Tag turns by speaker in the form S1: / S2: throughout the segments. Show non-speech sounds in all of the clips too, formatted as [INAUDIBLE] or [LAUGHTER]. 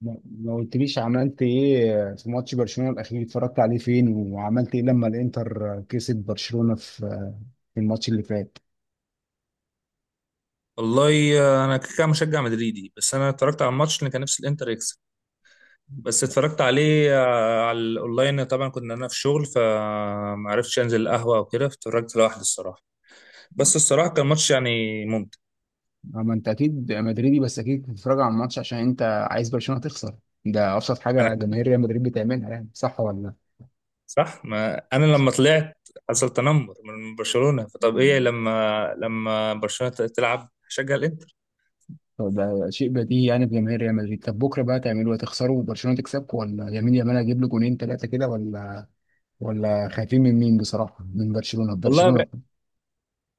S1: ما قلتليش عملت ايه في ماتش برشلونة الاخير؟ اتفرجت عليه فين وعملت ايه لما الانتر كسب برشلونة في الماتش اللي فات؟
S2: والله انا كده كده مشجع مدريدي، بس انا اتفرجت على الماتش اللي كان نفسي الانتر يكسب. بس اتفرجت عليه على الاونلاين. طبعا كنت انا في شغل فما عرفتش انزل القهوه وكده، اتفرجت لوحدي الصراحه. بس الصراحه كان ماتش يعني ممتع.
S1: اما انت اكيد مدريدي، بس اكيد بتتفرج على الماتش عشان انت عايز برشلونة تخسر. ده ابسط
S2: انا
S1: حاجة جماهير ريال مدريد بتعملها، يعني صح ولا لا؟
S2: صح، ما انا لما طلعت حصل تنمر من برشلونه، فطب ايه
S1: مم.
S2: لما برشلونه تلعب هشجع الانتر.
S1: طب ده شيء بديهي يعني في جماهير ريال مدريد. طب بكرة بقى تعملوا ايه، تخسروا وبرشلونة تكسبكم، ولا يمين يامال هيجيب له جونين ثلاثة كده، ولا خايفين من مين بصراحة، من برشلونة
S2: والله
S1: برشلونة؟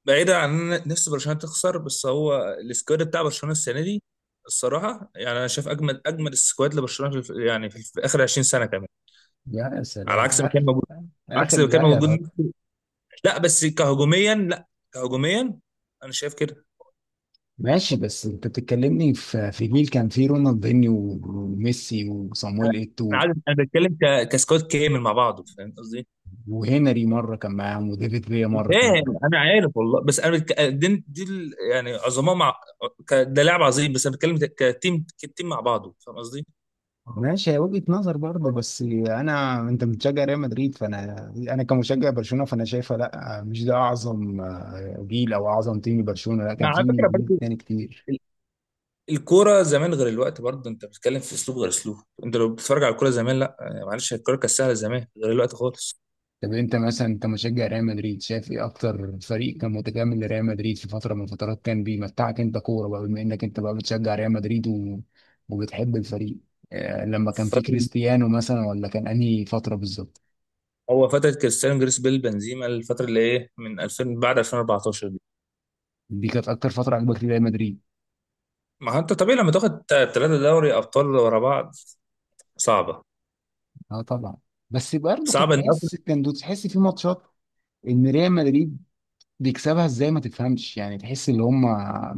S2: بعيدا عن ان أنا نفسي برشلونه تخسر، بس هو السكواد بتاع برشلونه السنه دي الصراحه يعني انا شايف اجمد اجمد السكواد لبرشلونه في يعني في اخر 20 سنه كمان،
S1: يا
S2: على
S1: سلام،
S2: عكس ما كان
S1: اخر
S2: موجود. على
S1: اخر
S2: عكس ما كان
S1: لا يا
S2: موجود.
S1: راجل.
S2: لا بس كهجوميا، لا كهجوميا. انا شايف كده.
S1: ماشي، بس انت بتتكلمني في جيل كان فيه رونالدينيو وميسي وصامويل
S2: انا
S1: ايتو،
S2: عارف انا بتكلم كسكواد كامل مع بعضه، فاهم قصدي؟
S1: وهنري مره كان معاهم، وديفيد فيا مره كان معاهم.
S2: فاهم، انا عارف والله، بس انا بتك... دي, دي ال- يعني عظماء مع ده لاعب عظيم، بس انا بتكلم كتيم كتيم مع بعضه، فاهم قصدي؟
S1: ماشي، هي وجهه نظر برضه، بس انا، انت بتشجع ريال مدريد، فانا كمشجع برشلونه، فانا شايفه لا، مش ده اعظم جيل او اعظم تيم برشلونه، لا كان
S2: على
S1: فيه
S2: فكره
S1: جيل
S2: برضه،
S1: تاني كتير.
S2: الكوره زمان غير الوقت، برضه انت بتتكلم في اسلوب غير اسلوب. انت لو بتتفرج على الكوره زمان، لا معلش، الكوره كانت سهله زمان غير الوقت خالص.
S1: طب انت مثلا، انت مشجع ريال مدريد، شايف ايه اكتر فريق كان متكامل لريال مدريد في فتره من الفترات كان بيمتعك انت كوره، بقى بما انك انت بقى بتشجع ريال مدريد وبتحب الفريق؟ آه، لما كان في
S2: فترة
S1: كريستيانو مثلا، ولا كان انهي فتره بالظبط؟
S2: هو فتره كريستيانو، جريس بيل، بنزيما، الفتره اللي ايه من 2000 بعد 2014 دي.
S1: دي كانت اكتر فتره عجبك لريال مدريد؟
S2: ما هو انت طبيعي لما تاخد ثلاثه دوري ابطال ورا بعض. صعبه،
S1: اه طبعا. بس برضه كنت
S2: صعبه ان
S1: تحس،
S2: أفريقيا.
S1: تحس في ماتشات ان ريال مدريد بيكسبها ازاي، ما تفهمش يعني، تحس ان هم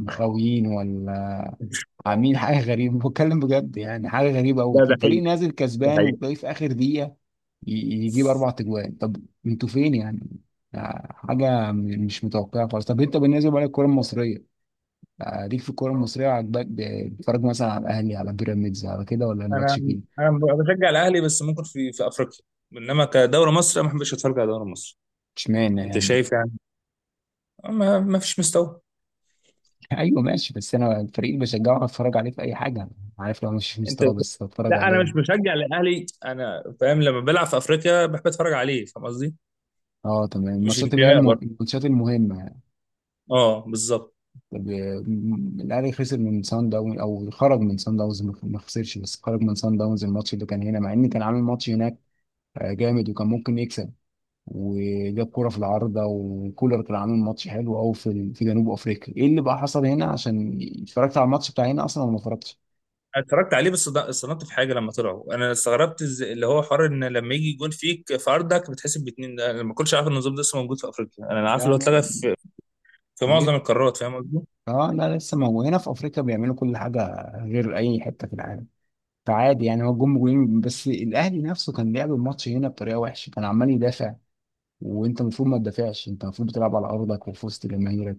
S1: مخاويين، ولا عاملين حاجه غريبه؟ بتكلم بجد، يعني حاجه غريبه قوي،
S2: لا ده حقيقي.
S1: الفريق نازل
S2: ده
S1: كسبان
S2: حقيقي.
S1: وتلاقيه في اخر دقيقه ي- يجيب اربع تجوان. طب انتوا فين يعني؟ حاجه مش متوقعه خالص. طب انت بالنسبه لك الكره المصريه، ليك في الكوره المصريه عاجباك، بتتفرج مثلا على الاهلي، على بيراميدز، على كده، ولا مالكش
S2: انا
S1: فيه؟
S2: انا بشجع الاهلي بس ممكن في افريقيا، انما كدوري مصر أنا ما بحبش اتفرج على دوري مصر.
S1: اشمعنى
S2: انت
S1: يعني؟
S2: شايف يعني ما فيش مستوى.
S1: [LAUGHS] ايوه ماشي، بس انا الفريق اللي بشجعه هتفرج عليه في اي حاجه، عارف، لو مش في
S2: انت
S1: مستوى بس هتفرج
S2: لا انا
S1: عليه.
S2: مش بشجع الاهلي، انا فاهم لما بلعب في افريقيا بحب اتفرج عليه، فاهم قصدي؟
S1: اه تمام،
S2: مش
S1: الماتشات اللي هي
S2: انتماء برضه.
S1: الماتشات المهمه.
S2: اه بالظبط.
S1: طب الاهلي خسر من سان داونز، او خرج من سان داونز، ما خسرش بس خرج من سان داونز الماتش اللي كان هنا، مع ان كان عامل ماتش هناك جامد، وكان ممكن يكسب، وجاب كرة في العارضة، وكولر كان عامل ماتش حلو قوي في جنوب افريقيا. ايه اللي بقى حصل هنا؟ عشان اتفرجت على الماتش بتاع هنا اصلا، ولا ما اتفرجتش؟
S2: أنا اتفرجت عليه، بس استغربت في حاجه. لما طلعوا انا استغربت اللي هو حوار ان لما يجي جون فيك في ارضك بتحسب باتنين. ده انا ما كنتش عارف إن النظام ده لسه موجود في افريقيا، انا عارف
S1: لا
S2: اللي هو
S1: لا.
S2: اتلغى في معظم
S1: ليه؟
S2: القارات، فاهم قصدي؟
S1: اه لا، لسه، ما هو هنا في افريقيا بيعملوا كل حاجة غير اي حتة في العالم. فعادي يعني، هو جم جولين، بس الاهلي نفسه كان لعب الماتش هنا بطريقه وحشه، كان عمال يدافع. وانت المفروض ما تدافعش، انت المفروض بتلعب على ارضك وفي وسط جماهيرك،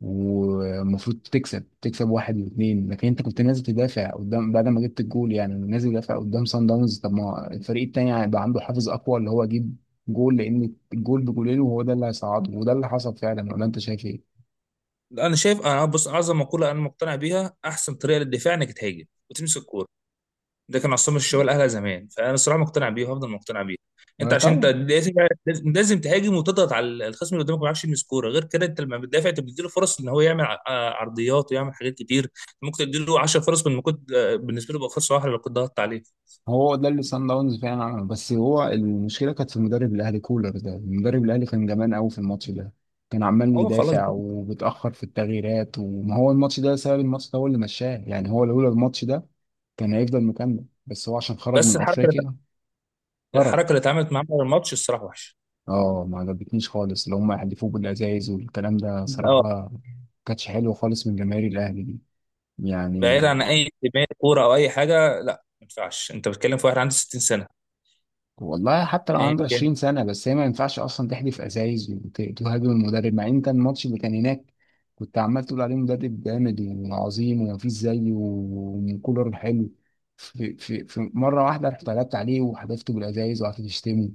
S1: والمفروض تكسب، تكسب واحد واثنين، لكن انت كنت نازل تدافع قدام بعد ما جبت الجول، يعني نازل تدافع قدام سان داونز. طب ما الفريق التاني هيبقى عنده حافز اقوى اللي هو يجيب جول، لان الجول بجولين، وهو ده اللي هيصعده، وده اللي حصل فعلا. ولا انت شايف ايه؟
S2: لا، انا شايف، انا بص، اعظم مقوله انا مقتنع بيها، احسن طريقه للدفاع انك تهاجم وتمسك الكوره. ده كان عصام الشوالي الاهلي زمان، فانا الصراحه مقتنع بيه وهفضل مقتنع بيه. انت
S1: ولا
S2: عشان انت
S1: طبعا.
S2: لازم تهاجم وتضغط على الخصم اللي قدامك، ما يعرفش يلمس كوره غير كده. انت لما بتدافع انت بتديله فرص ان هو يعمل عرضيات ويعمل حاجات كتير. ممكن تديله 10 فرص من ما كنت، بالنسبه له بقى فرصه واحده لو كنت ضغطت عليه.
S1: هو ده اللي صن داونز فعلا عمله، بس هو المشكله كانت في المدرب الاهلي كولر. ده المدرب الاهلي كان جبان قوي في الماتش ده، كان عمال
S2: هو خلاص
S1: يدافع
S2: بقى،
S1: وبيتاخر في التغييرات. وما هو الماتش ده سبب، الماتش ده هو اللي مشاه يعني، هو لولا الماتش ده كان هيفضل مكمل، بس هو عشان خرج
S2: بس
S1: من
S2: الحركه اللي
S1: افريقيا خرج.
S2: الحركه اللي اتعملت معاه في الماتش الصراحه وحشه.
S1: اه ما عجبتنيش خالص، اللي هم يحدفوه بالازايز والكلام ده
S2: اه
S1: صراحه كانتش حلوه خالص من جماهير الاهلي دي يعني.
S2: بعيد عن اي انتماء كوره او اي حاجه، لا ما ينفعش انت بتتكلم في واحد عنده 60 سنه،
S1: والله حتى لو
S2: ايا
S1: عنده
S2: كان.
S1: 20 سنة، بس هي ما ينفعش أصلا تحدف أزايز وتهاجم المدرب، مع إن أنت الماتش اللي كان هناك كنت عمال تقول عليه مدرب جامد وعظيم ومفيش زيه وكولر حلو، في مرة واحدة رحت قلبت عليه وحدفته بالأزايز وقعدت تشتمه،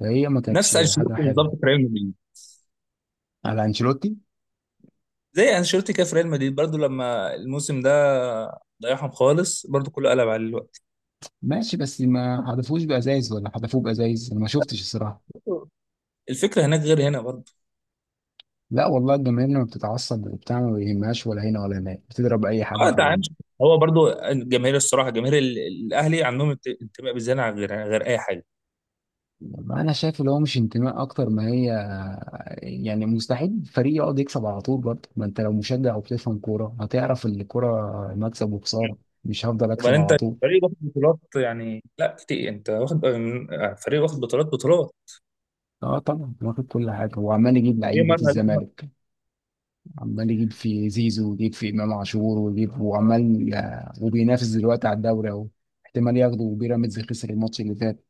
S1: فهي ما
S2: نفس
S1: كانتش
S2: انشيلوتي
S1: حاجة حلوة.
S2: بالظبط في ريال مدريد،
S1: على أنشيلوتي
S2: زي انشيلوتي كده في ريال مدريد برضو، لما الموسم ده ضيعهم خالص برضو كله قلب عليه الوقت.
S1: ماشي، بس ما حدفوش بأزايز، ولا حدفوه بأزايز أنا ما شفتش الصراحة.
S2: الفكره هناك غير هنا برضو.
S1: لا والله، الجماهير لما بتتعصب وبتاع ما بيهمهاش، ولا هنا ولا هناك، بتضرب أي
S2: اه انت
S1: حد.
S2: عارف، هو برضو الجماهير الصراحه جماهير الاهلي عندهم انتماء بالزياده عن غير اي حاجه.
S1: والله انا شايف اللي هو مش انتماء اكتر ما هي، يعني مستحيل فريق يقعد يكسب على طول برضه، ما انت لو مشجع وبتفهم كوره هتعرف ان الكوره مكسب وخساره، مش هفضل اكسب
S2: وبعدين
S1: على
S2: انت
S1: طول.
S2: فريق واخد بطولات يعني، لا كتير انت واخد فريق واخد بطولات بطولات.
S1: اه طبعا، واخد كل حاجه، وعمال يجيب
S2: طبيعي،
S1: لعيبه
S2: مرة عليك مرة.
S1: الزمالك. عمال يجيب في زيزو، ويجيب في امام عاشور، ويجيب، وعمال وبينافس دلوقتي على الدوري اهو، احتمال ياخده، وبيراميدز خسر الماتش اللي فات،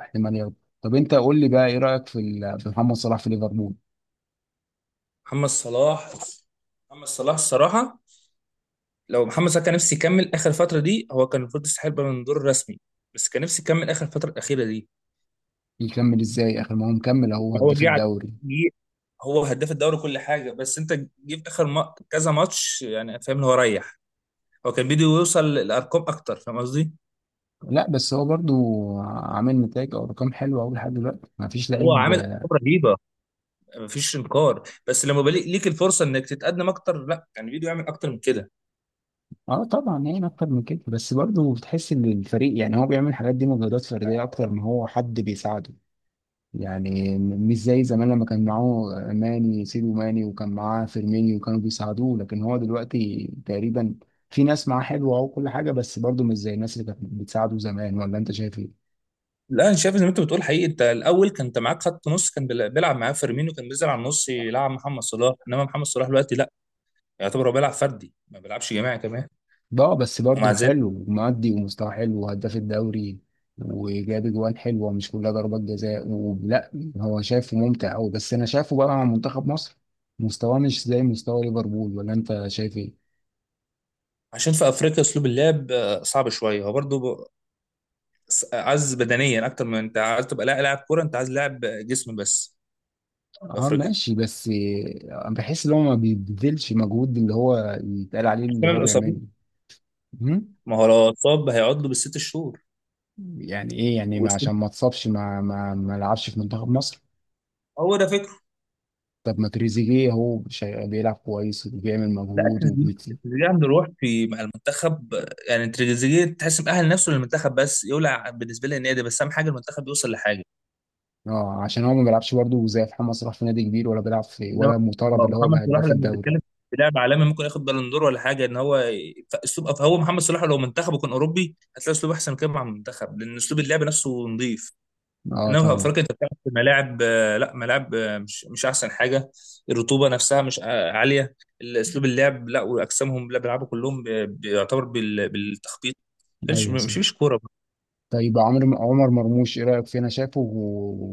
S1: احتمال ياخده. طب انت قول لي بقى، ايه رايك في في محمد صلاح في ليفربول؟
S2: محمد صلاح. محمد صلاح الصراحه، لو محمد صلاح كان نفسي يكمل اخر فتره دي، هو كان المفروض يستحق بالون دور رسمي. بس كان نفسي يكمل اخر الفتره الاخيره دي.
S1: يكمل ازاي اخر؟ ما هو مكمل اهو،
S2: هو
S1: هداف
S2: جه على-
S1: الدوري.
S2: جه- هو هداف الدوري كل حاجه، بس انت جه في اخر ما... كذا ماتش يعني، فاهم اللي هو ريح. هو كان بده يوصل لارقام اكتر، فاهم قصدي؟
S1: لا، بس هو برضو عامل نتائج او ارقام حلوه قوي لحد دلوقتي، ما فيش
S2: هو
S1: لعيب.
S2: عامل ارقام رهيبه، مفيش انكار، بس لما بليك ليك الفرصه انك تتقدم اكتر، لا كان بده يعمل اكتر من كده.
S1: اه طبعا، يعني اكتر من كده، بس برضو بتحس ان الفريق، يعني هو بيعمل الحاجات دي مجهودات فرديه اكتر ما هو حد بيساعده، يعني مش زي زمان لما كان معاه سيدو ماني وكان معاه فيرمينيو وكانوا بيساعدوه، لكن هو دلوقتي تقريبا في ناس معاه حلوه وكل حاجه، بس برضو مش زي الناس اللي كانت بتساعده زمان. ولا انت شايف ايه؟
S2: لا انا شايف زي ما انت بتقول حقيقي، انت الاول كان انت معاك خط نص كان بيلعب معاه فيرمينو، كان بينزل على النص يلعب محمد صلاح، انما محمد صلاح دلوقتي لا، يعتبر هو بيلعب فردي، ما بيلعبش جماعي كمان.
S1: بقى، بس
S2: ومع
S1: برضه
S2: ذلك،
S1: حلو، معدي، ومستوى حلو، وهداف الدوري، وجاب اجوان حلوه مش كلها ضربات جزاء ولا، هو شايفه ممتع قوي، بس انا شايفه بقى مع منتخب مصر مستواه مش زي مستوى ليفربول. ولا انت شايف ايه؟
S2: عشان في افريقيا اسلوب اللعب صعب شويه، هو برضه عايز بدنيا اكتر، من انت عايز تبقى لاعب كوره، انت عايز لاعب جسم بس في
S1: اه
S2: افريقيا.
S1: ماشي، بس بحس ان هو ما بيبذلش مجهود، اللي هو يتقال عليه
S2: عشان
S1: اللي هو
S2: الاصابات،
S1: بيعمله. مم؟
S2: ما هو لو اتصاب هيقعد له بالست شهور.
S1: يعني ايه يعني،
S2: والست-
S1: عشان ما اتصابش ما لعبش في منتخب مصر؟
S2: هو ده فكره.
S1: طب ما تريزيجيه هو بيلعب كويس وبيعمل
S2: لا
S1: مجهود.
S2: التريزيجيه، التريزيجيه عنده روح في مع المنتخب، يعني التريزيجيه تحس مأهل نفسه للمنتخب، بس يولع بالنسبه لي النادي، بس اهم حاجه المنتخب يوصل لحاجه.
S1: اه، عشان هو ما بيلعبش برضه زي محمد صلاح في نادي كبير، ولا بيلعب في،
S2: انما
S1: ولا مطالب اللي هو
S2: محمد
S1: يبقى
S2: صلاح
S1: هداف
S2: لما
S1: الدوري.
S2: بيتكلم، في لاعب عالمي ممكن ياخد بالون دور ولا حاجه، ان هو فاسلوب، هو محمد صلاح لو منتخبه كان اوروبي هتلاقي اسلوب احسن كده مع المنتخب، لان اسلوب اللعب نفسه نظيف.
S1: اه
S2: انما في
S1: طبعا.
S2: افريقيا انت بتلعب في ملاعب لا ملاعب مش احسن حاجه، الرطوبه نفسها مش عاليه، اسلوب اللعب لا، واجسامهم لا، بيلعبوا كلهم بيعتبر بالتخبيط، مش
S1: ايوه صح.
S2: مش مش كوره.
S1: طيب عمر مرموش، ايه رايك فيه؟ انا شايفه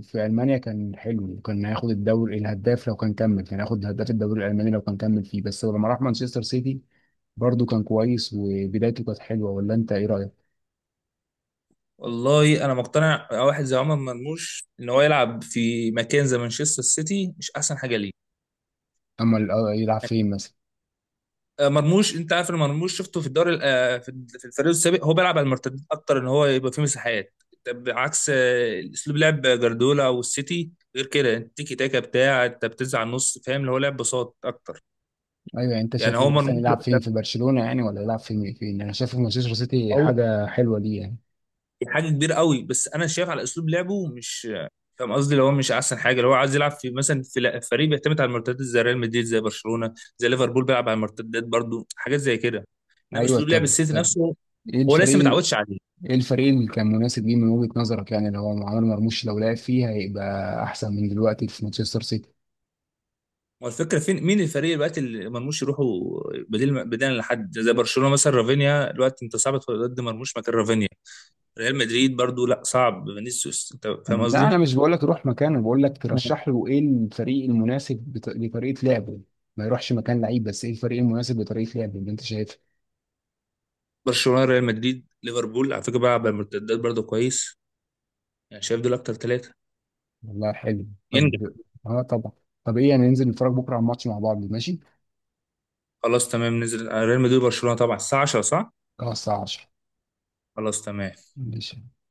S1: في المانيا كان حلو، وكان هياخد الدوري الهداف لو كان كمل، كان هياخد هداف الدوري الالماني لو كان كمل فيه، بس لما راح مانشستر سيتي برضه كان كويس وبدايته كانت حلوه. ولا انت ايه رايك؟
S2: والله انا مقتنع واحد زي عمر مرموش ان هو يلعب في مكان زي مانشستر سيتي مش احسن حاجه ليه.
S1: اما يلعب فين مثلا؟
S2: مرموش، انت عارف ان مرموش شفته في الدوري في في الفريق السابق هو بيلعب على المرتدات اكتر، ان هو يبقى فيه مساحات، طب عكس اسلوب لعب جاردولا والسيتي غير كده، التيكي تاكا بتاع انت بتنزل على النص، فاهم اللي هو لعب بساط اكتر.
S1: ايوه يعني، انت
S2: يعني هو
S1: شايفه مثلا
S2: مرموش
S1: يلعب فين؟
S2: ده-
S1: في برشلونه يعني؟ ولا يلعب فين انا شايفه في مانشستر سيتي
S2: او
S1: حاجه حلوه ليه يعني؟
S2: دي حاجه كبيره قوي، بس انا شايف على اسلوب لعبه مش، فاهم قصدي اللي هو مش احسن حاجه، اللي هو عايز يلعب في مثلا في فريق بيعتمد على المرتدات زي ريال مدريد، زي برشلونه، زي ليفربول بيلعب على المرتدات برضو، حاجات زي كده. انما
S1: ايوه
S2: اسلوب لعب
S1: طب
S2: السيتي
S1: طب
S2: نفسه
S1: ايه
S2: هو لسه
S1: الفريق،
S2: متعودش عليه.
S1: ايه الفريق اللي كان مناسب ليه من وجهة نظرك، يعني لو عمر مرموش لو لعب فيه هيبقى احسن من دلوقتي في مانشستر سيتي؟
S2: هو الفكره فين مين الفريق دلوقتي اللي مرموش يروحوا، بديل لحد زي برشلونه؟ مثلا رافينيا دلوقتي انت صعب تدخل ضد مرموش مكان رافينيا، ريال مدريد برضو لا صعب، فينيسيوس، انت فاهم
S1: لا
S2: قصدي.
S1: انا مش بقول لك روح مكانه، بقول لك
S2: مم.
S1: ترشح له ايه الفريق المناسب لطريقة لعبه. ما يروحش مكان لعيب، بس ايه الفريق المناسب لطريقة لعبه اللي انت شايفها؟
S2: برشلونه، ريال مدريد، ليفربول على فكره بيلعب بالمرتدات برضو كويس، يعني شايف دول اكتر ثلاثه
S1: والله حلو.
S2: ينجح.
S1: طب. اه طبعا. طب ايه يعني، ننزل نتفرج بكره على الماتش مع بعض، ماشي؟
S2: خلاص تمام، نزل ريال مدريد وبرشلونه طبعا الساعه 10 صح؟
S1: خلاص، الساعه 10.
S2: خلاص تمام.
S1: ماشي.